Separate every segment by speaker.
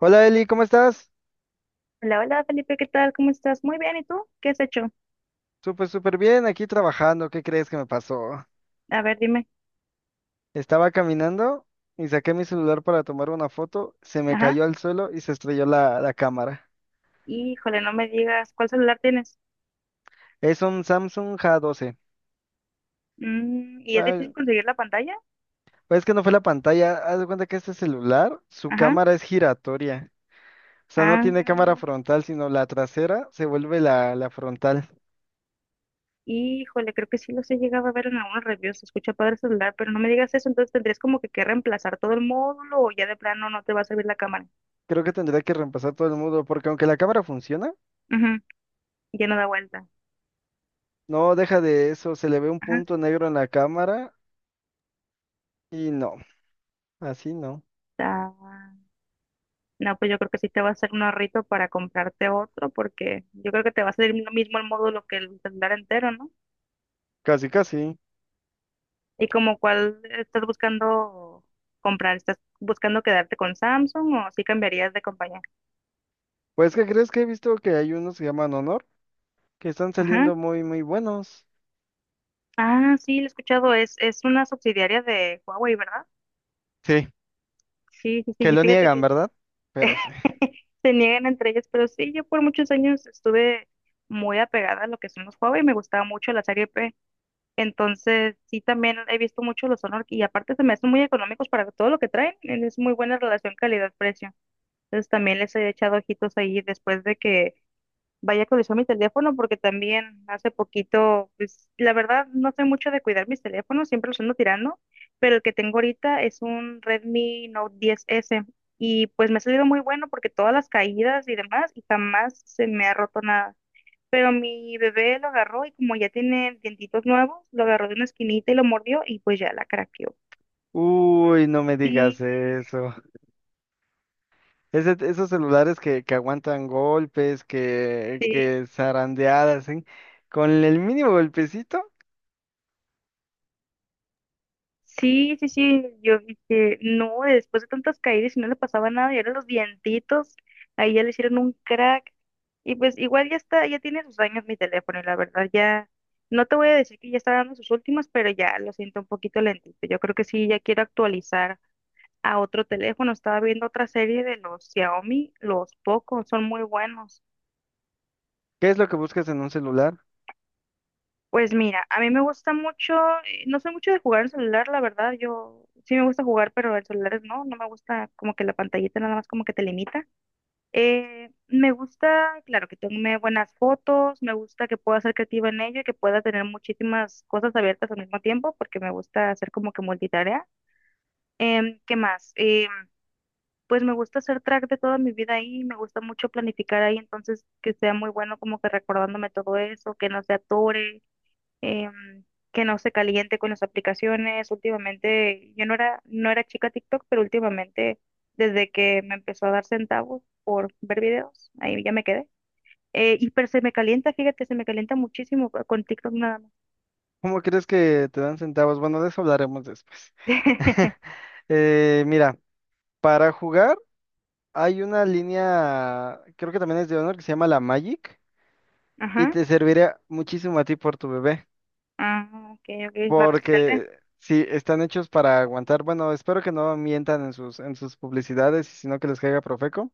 Speaker 1: Hola Eli, ¿cómo estás?
Speaker 2: Hola, hola Felipe, ¿qué tal? ¿Cómo estás? Muy bien, ¿y tú? ¿Qué has hecho?
Speaker 1: Súper, súper bien, aquí trabajando. ¿Qué crees que me pasó?
Speaker 2: A ver, dime.
Speaker 1: Estaba caminando y saqué mi celular para tomar una foto, se me
Speaker 2: Ajá.
Speaker 1: cayó al suelo y se estrelló la cámara.
Speaker 2: Híjole, no me digas, ¿cuál celular tienes?
Speaker 1: Es un Samsung J12.
Speaker 2: ¿Y es
Speaker 1: Ay,
Speaker 2: difícil conseguir la pantalla?
Speaker 1: pues es que no fue la pantalla, haz de cuenta que este celular, su
Speaker 2: Ajá.
Speaker 1: cámara es giratoria. O sea, no
Speaker 2: Ah,
Speaker 1: tiene cámara frontal, sino la trasera se vuelve la frontal.
Speaker 2: híjole, creo que sí los he llegado a ver en algunos reviews, se escucha padre el celular, pero no me digas eso, entonces tendrías como que reemplazar todo el módulo o ya de plano no te va a servir la cámara.
Speaker 1: Creo que tendría que reemplazar todo el mundo, porque aunque la cámara funciona,
Speaker 2: Ujú. Ya no da vuelta.
Speaker 1: no deja de eso, se le ve un
Speaker 2: Ajá.
Speaker 1: punto negro en la cámara y no, así no.
Speaker 2: Ah, no, pues yo creo que sí te va a hacer un ahorrito para comprarte otro, porque yo creo que te va a salir lo mismo el módulo que el celular entero, ¿no?
Speaker 1: Casi, casi.
Speaker 2: ¿Y como cuál estás buscando comprar? ¿Estás buscando quedarte con Samsung o sí cambiarías de compañía?
Speaker 1: Pues, ¿qué crees que he visto que hay unos que llaman Honor? Que están
Speaker 2: Ajá.
Speaker 1: saliendo muy, muy buenos.
Speaker 2: Ah, sí, lo he escuchado. Es una subsidiaria de Huawei, ¿verdad?
Speaker 1: Sí,
Speaker 2: Sí, sí, sí.
Speaker 1: que
Speaker 2: Y
Speaker 1: lo
Speaker 2: fíjate
Speaker 1: niegan,
Speaker 2: que
Speaker 1: ¿verdad? Pero sí.
Speaker 2: se niegan entre ellas, pero sí, yo por muchos años estuve muy apegada a lo que son los Huawei. Me gustaba mucho la serie P. Entonces, sí, también he visto mucho los Honor y aparte se me hacen muy económicos para todo lo que traen. Es muy buena relación calidad-precio. Entonces, también les he echado ojitos ahí después de que Vaya que lo mi teléfono porque también hace poquito, pues la verdad no soy mucho de cuidar mis teléfonos, siempre los ando tirando, pero el que tengo ahorita es un Redmi Note 10S y pues me ha salido muy bueno porque todas las caídas y demás y jamás se me ha roto nada. Pero mi bebé lo agarró y como ya tiene dientitos nuevos, lo agarró de una esquinita y lo mordió y pues ya la craqueó.
Speaker 1: Uy, no me digas
Speaker 2: Sí,
Speaker 1: eso. Esos celulares que aguantan golpes, que,
Speaker 2: sí.
Speaker 1: que zarandeadas, ¿sí? Con el mínimo golpecito,
Speaker 2: Sí, sí, sí, yo dije, no, después de tantas caídas y no le pasaba nada, y ahora los dientitos, ahí ya le hicieron un crack, y pues igual ya está, ya tiene sus años mi teléfono, y la verdad ya, no te voy a decir que ya está dando sus últimas, pero ya lo siento un poquito lentito, yo creo que sí, ya quiero actualizar a otro teléfono, estaba viendo otra serie de los Xiaomi, los Poco, son muy buenos.
Speaker 1: ¿qué es lo que buscas en un celular?
Speaker 2: Pues mira, a mí me gusta mucho, no soy mucho de jugar en celular, la verdad, yo sí me gusta jugar, pero en celulares no, no me gusta como que la pantallita nada más como que te limita. Me gusta, claro, que tome buenas fotos, me gusta que pueda ser creativa en ello y que pueda tener muchísimas cosas abiertas al mismo tiempo, porque me gusta hacer como que multitarea. ¿Qué más? Pues me gusta hacer track de toda mi vida ahí, me gusta mucho planificar ahí, entonces que sea muy bueno como que recordándome todo eso, que no se atore em, que no se caliente con las aplicaciones. Últimamente, yo no era, chica TikTok, pero últimamente, desde que me empezó a dar centavos por ver videos, ahí ya me quedé. Y pero se me calienta, fíjate, se me calienta muchísimo con TikTok nada más.
Speaker 1: ¿Cómo crees que te dan centavos? Bueno, de eso hablaremos después. Mira, para jugar hay una línea, creo que también es de Honor, que se llama la Magic. Y
Speaker 2: Ajá.
Speaker 1: te servirá muchísimo a ti por tu bebé,
Speaker 2: Ah, ok, ok, es más resistente.
Speaker 1: porque si están hechos para aguantar, bueno, espero que no mientan en sus publicidades, sino que les caiga Profeco,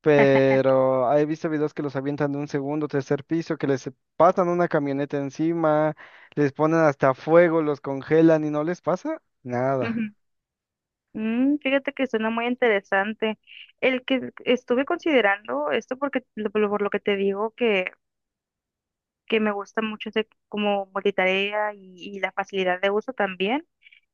Speaker 1: pero he visto videos que los avientan de un segundo, tercer piso, que les pasan una camioneta encima, les ponen hasta fuego, los congelan y no les pasa nada.
Speaker 2: Ujú. Fíjate que suena muy interesante. El que estuve considerando, esto porque por lo que te digo que me gusta mucho hacer como multitarea y la facilidad de uso también.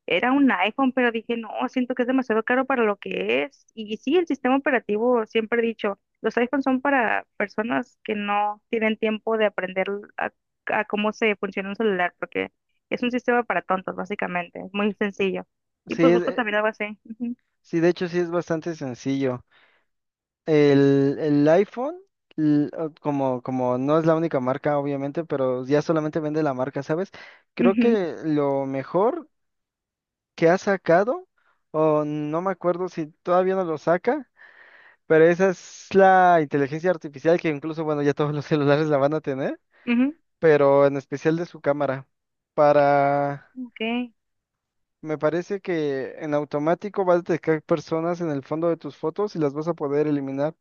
Speaker 2: Era un iPhone, pero dije, no, siento que es demasiado caro para lo que es. Y, sí, el sistema operativo, siempre he dicho, los iPhones son para personas que no tienen tiempo de aprender a, a cómo se funciona un celular, porque es un sistema para tontos, básicamente, es muy sencillo. Y
Speaker 1: Sí,
Speaker 2: pues busco también algo así. Ujú,
Speaker 1: sí, de hecho sí es bastante sencillo. El iPhone, como no es la única marca, obviamente, pero ya solamente vende la marca, ¿sabes? Creo
Speaker 2: ujú,
Speaker 1: que lo mejor que ha sacado, o no me acuerdo si todavía no lo saca, pero esa es la inteligencia artificial que incluso, bueno, ya todos los celulares la van a tener, pero en especial de su cámara. Para,
Speaker 2: ujú, ok.
Speaker 1: me parece que en automático va a detectar personas en el fondo de tus fotos y las vas a poder eliminar.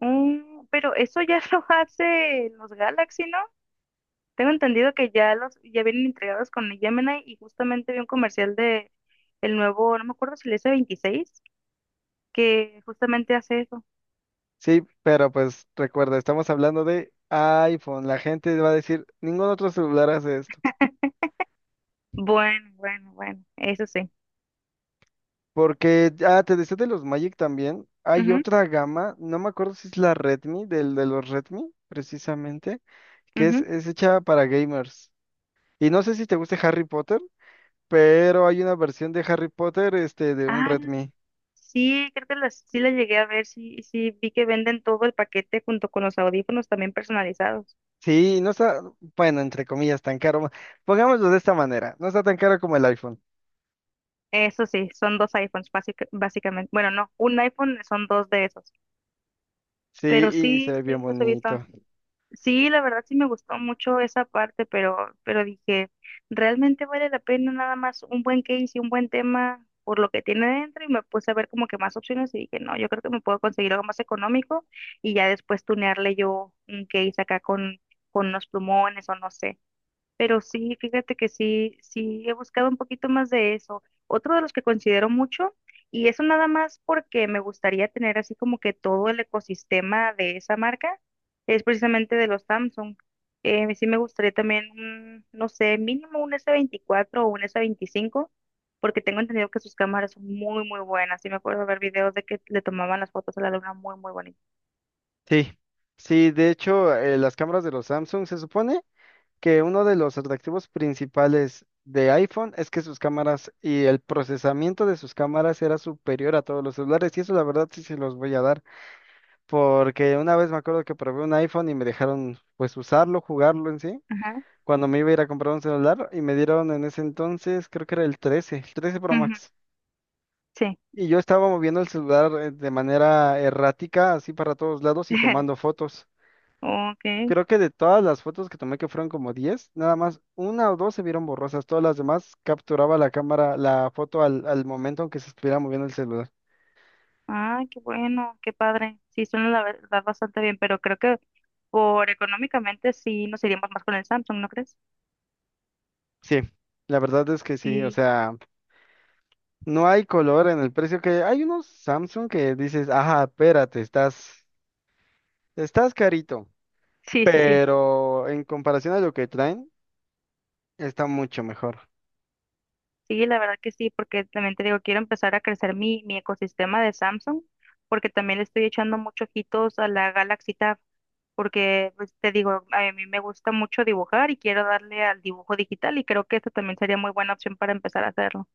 Speaker 2: Pero eso ya lo hace los Galaxy, ¿no? Tengo entendido que ya los, ya vienen entregados con el Gemini y justamente vi un comercial de el nuevo, no me acuerdo si el S26 que justamente hace eso.
Speaker 1: Sí, pero pues recuerda, estamos hablando de iPhone. La gente va a decir, ningún otro celular hace esto.
Speaker 2: Bueno, bueno, bueno, eso sí.
Speaker 1: Porque, ah, te decía de los Magic también. Hay
Speaker 2: Ujú,
Speaker 1: otra gama, no me acuerdo si es la Redmi, del de los Redmi, precisamente, que es,
Speaker 2: ujú.
Speaker 1: es hecha para gamers. Y no sé si te guste Harry Potter, pero hay una versión de Harry Potter, de un
Speaker 2: Ah,
Speaker 1: Redmi.
Speaker 2: sí, creo que las, sí la llegué a ver, sí, sí, vi que venden todo el paquete junto con los audífonos también personalizados.
Speaker 1: Sí, no está, bueno, entre comillas, tan caro. Pongámoslo de esta manera, no está tan caro como el iPhone.
Speaker 2: Eso sí, son dos iPhones básicamente. Bueno, no, un iPhone son dos de esos.
Speaker 1: Sí,
Speaker 2: Pero
Speaker 1: y se
Speaker 2: sí,
Speaker 1: ve bien
Speaker 2: sí, los he visto.
Speaker 1: bonito.
Speaker 2: Sí, la verdad sí me gustó mucho esa parte, pero dije, ¿realmente vale la pena nada más un buen case y un buen tema por lo que tiene dentro? Y me puse a ver como que más opciones y dije, no, yo creo que me puedo conseguir algo más económico y ya después tunearle yo un case acá con unos plumones o no sé. Pero sí, fíjate que sí, sí he buscado un poquito más de eso. Otro de los que considero mucho, y eso nada más porque me gustaría tener así como que todo el ecosistema de esa marca, es precisamente de los Samsung. Sí me gustaría también, un, no sé, mínimo un S24 o un S25, porque tengo entendido que sus cámaras son muy, muy buenas. Sí me acuerdo ver videos de que le tomaban las fotos a la luna muy, muy bonitas.
Speaker 1: Sí, sí, de hecho, las cámaras de los Samsung se supone que uno de los atractivos principales de iPhone es que sus cámaras y el procesamiento de sus cámaras era superior a todos los celulares y eso la verdad sí se los voy a dar porque una vez me acuerdo que probé un iPhone y me dejaron pues usarlo, jugarlo en sí,
Speaker 2: Ajá,
Speaker 1: cuando me iba a ir a comprar un celular y me dieron en ese entonces creo que era el 13, el 13 Pro
Speaker 2: ujú,
Speaker 1: Max.
Speaker 2: sí.
Speaker 1: Y yo estaba moviendo el celular de manera errática, así para todos lados y tomando fotos.
Speaker 2: Ok.
Speaker 1: Creo que de todas las fotos que tomé, que fueron como 10, nada más una o dos se vieron borrosas. Todas las demás capturaba la cámara, la foto al momento aunque se estuviera moviendo el celular.
Speaker 2: Ah, qué bueno, qué padre. Sí, suena la verdad bastante bien, pero creo que por económicamente sí nos iríamos más con el Samsung, ¿no crees?
Speaker 1: Sí, la verdad es que sí. O
Speaker 2: Sí,
Speaker 1: sea, no hay color en el precio que hay unos Samsung que dices, ajá, espérate, estás carito.
Speaker 2: sí, sí, sí.
Speaker 1: Pero en comparación a lo que traen, está mucho mejor.
Speaker 2: Sí, la verdad que sí, porque también te digo, quiero empezar a crecer mi ecosistema de Samsung, porque también le estoy echando muchos ojitos a la Galaxy Tab, porque pues, te digo, a mí me gusta mucho dibujar y quiero darle al dibujo digital y creo que esto también sería muy buena opción para empezar a hacerlo.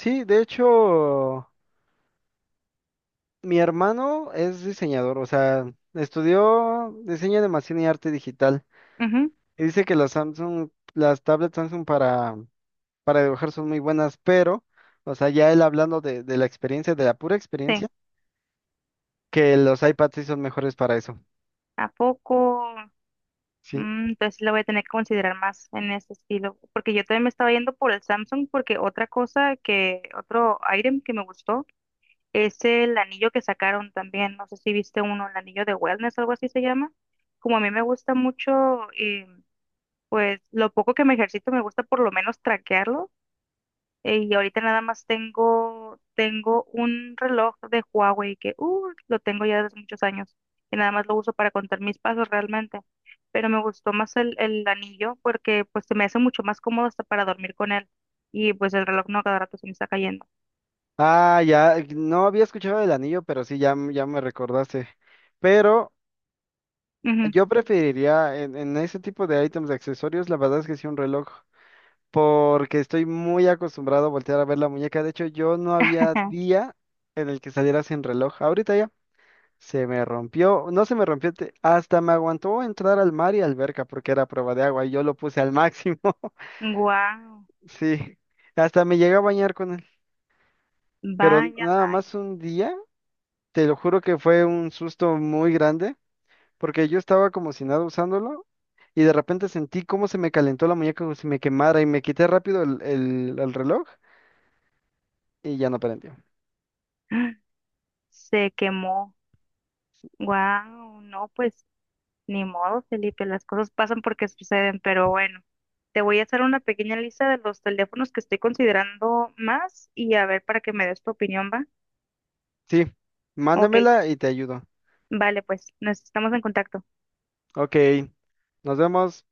Speaker 1: Sí, de hecho, mi hermano es diseñador, o sea, estudió diseño de animación y arte digital.
Speaker 2: Ujú,
Speaker 1: Dice que las Samsung, las tablets Samsung para dibujar son muy buenas, pero, o sea, ya él hablando de la experiencia, de la pura experiencia,
Speaker 2: sí.
Speaker 1: que los iPads sí son mejores para eso.
Speaker 2: ¿A poco?
Speaker 1: Sí.
Speaker 2: Entonces lo voy a tener que considerar más en ese estilo, porque yo también me estaba yendo por el Samsung, porque otra cosa que, otro item que me gustó es el anillo que sacaron también, no sé si viste uno, el anillo de wellness, algo así se llama, como a mí me gusta mucho, y pues lo poco que me ejercito me gusta por lo menos traquearlo. Y ahorita nada más tengo un reloj de Huawei que lo tengo ya desde hace muchos años y nada más lo uso para contar mis pasos realmente. Pero me gustó más el anillo porque pues se me hace mucho más cómodo hasta para dormir con él. Y pues el reloj no cada rato se me está cayendo.
Speaker 1: Ah, ya, no había escuchado del anillo, pero sí, ya, ya me recordaste. Pero
Speaker 2: Wow,
Speaker 1: yo preferiría en ese tipo de ítems de accesorios, la verdad es que sí un reloj, porque estoy muy acostumbrado a voltear a ver la muñeca. De hecho, yo no había día en el que saliera sin reloj. Ahorita ya. Se me rompió, no se me rompió, hasta me aguantó entrar al mar y alberca porque era prueba de agua y yo lo puse al máximo. Sí, hasta me llegué a bañar con él. Pero
Speaker 2: vaya,
Speaker 1: nada
Speaker 2: vaya.
Speaker 1: más un día, te lo juro que fue un susto muy grande porque yo estaba como si nada usándolo y de repente sentí cómo se me calentó la muñeca como si me quemara y me quité rápido el reloj y ya no prendió.
Speaker 2: Se quemó. Wow, no, pues ni modo, Felipe, las cosas pasan porque suceden, pero bueno, te voy a hacer una pequeña lista de los teléfonos que estoy considerando más y a ver para que me des tu opinión, ¿va?
Speaker 1: Sí,
Speaker 2: Ok,
Speaker 1: mándamela y te ayudo.
Speaker 2: vale, pues nos estamos en contacto.
Speaker 1: Ok, nos vemos.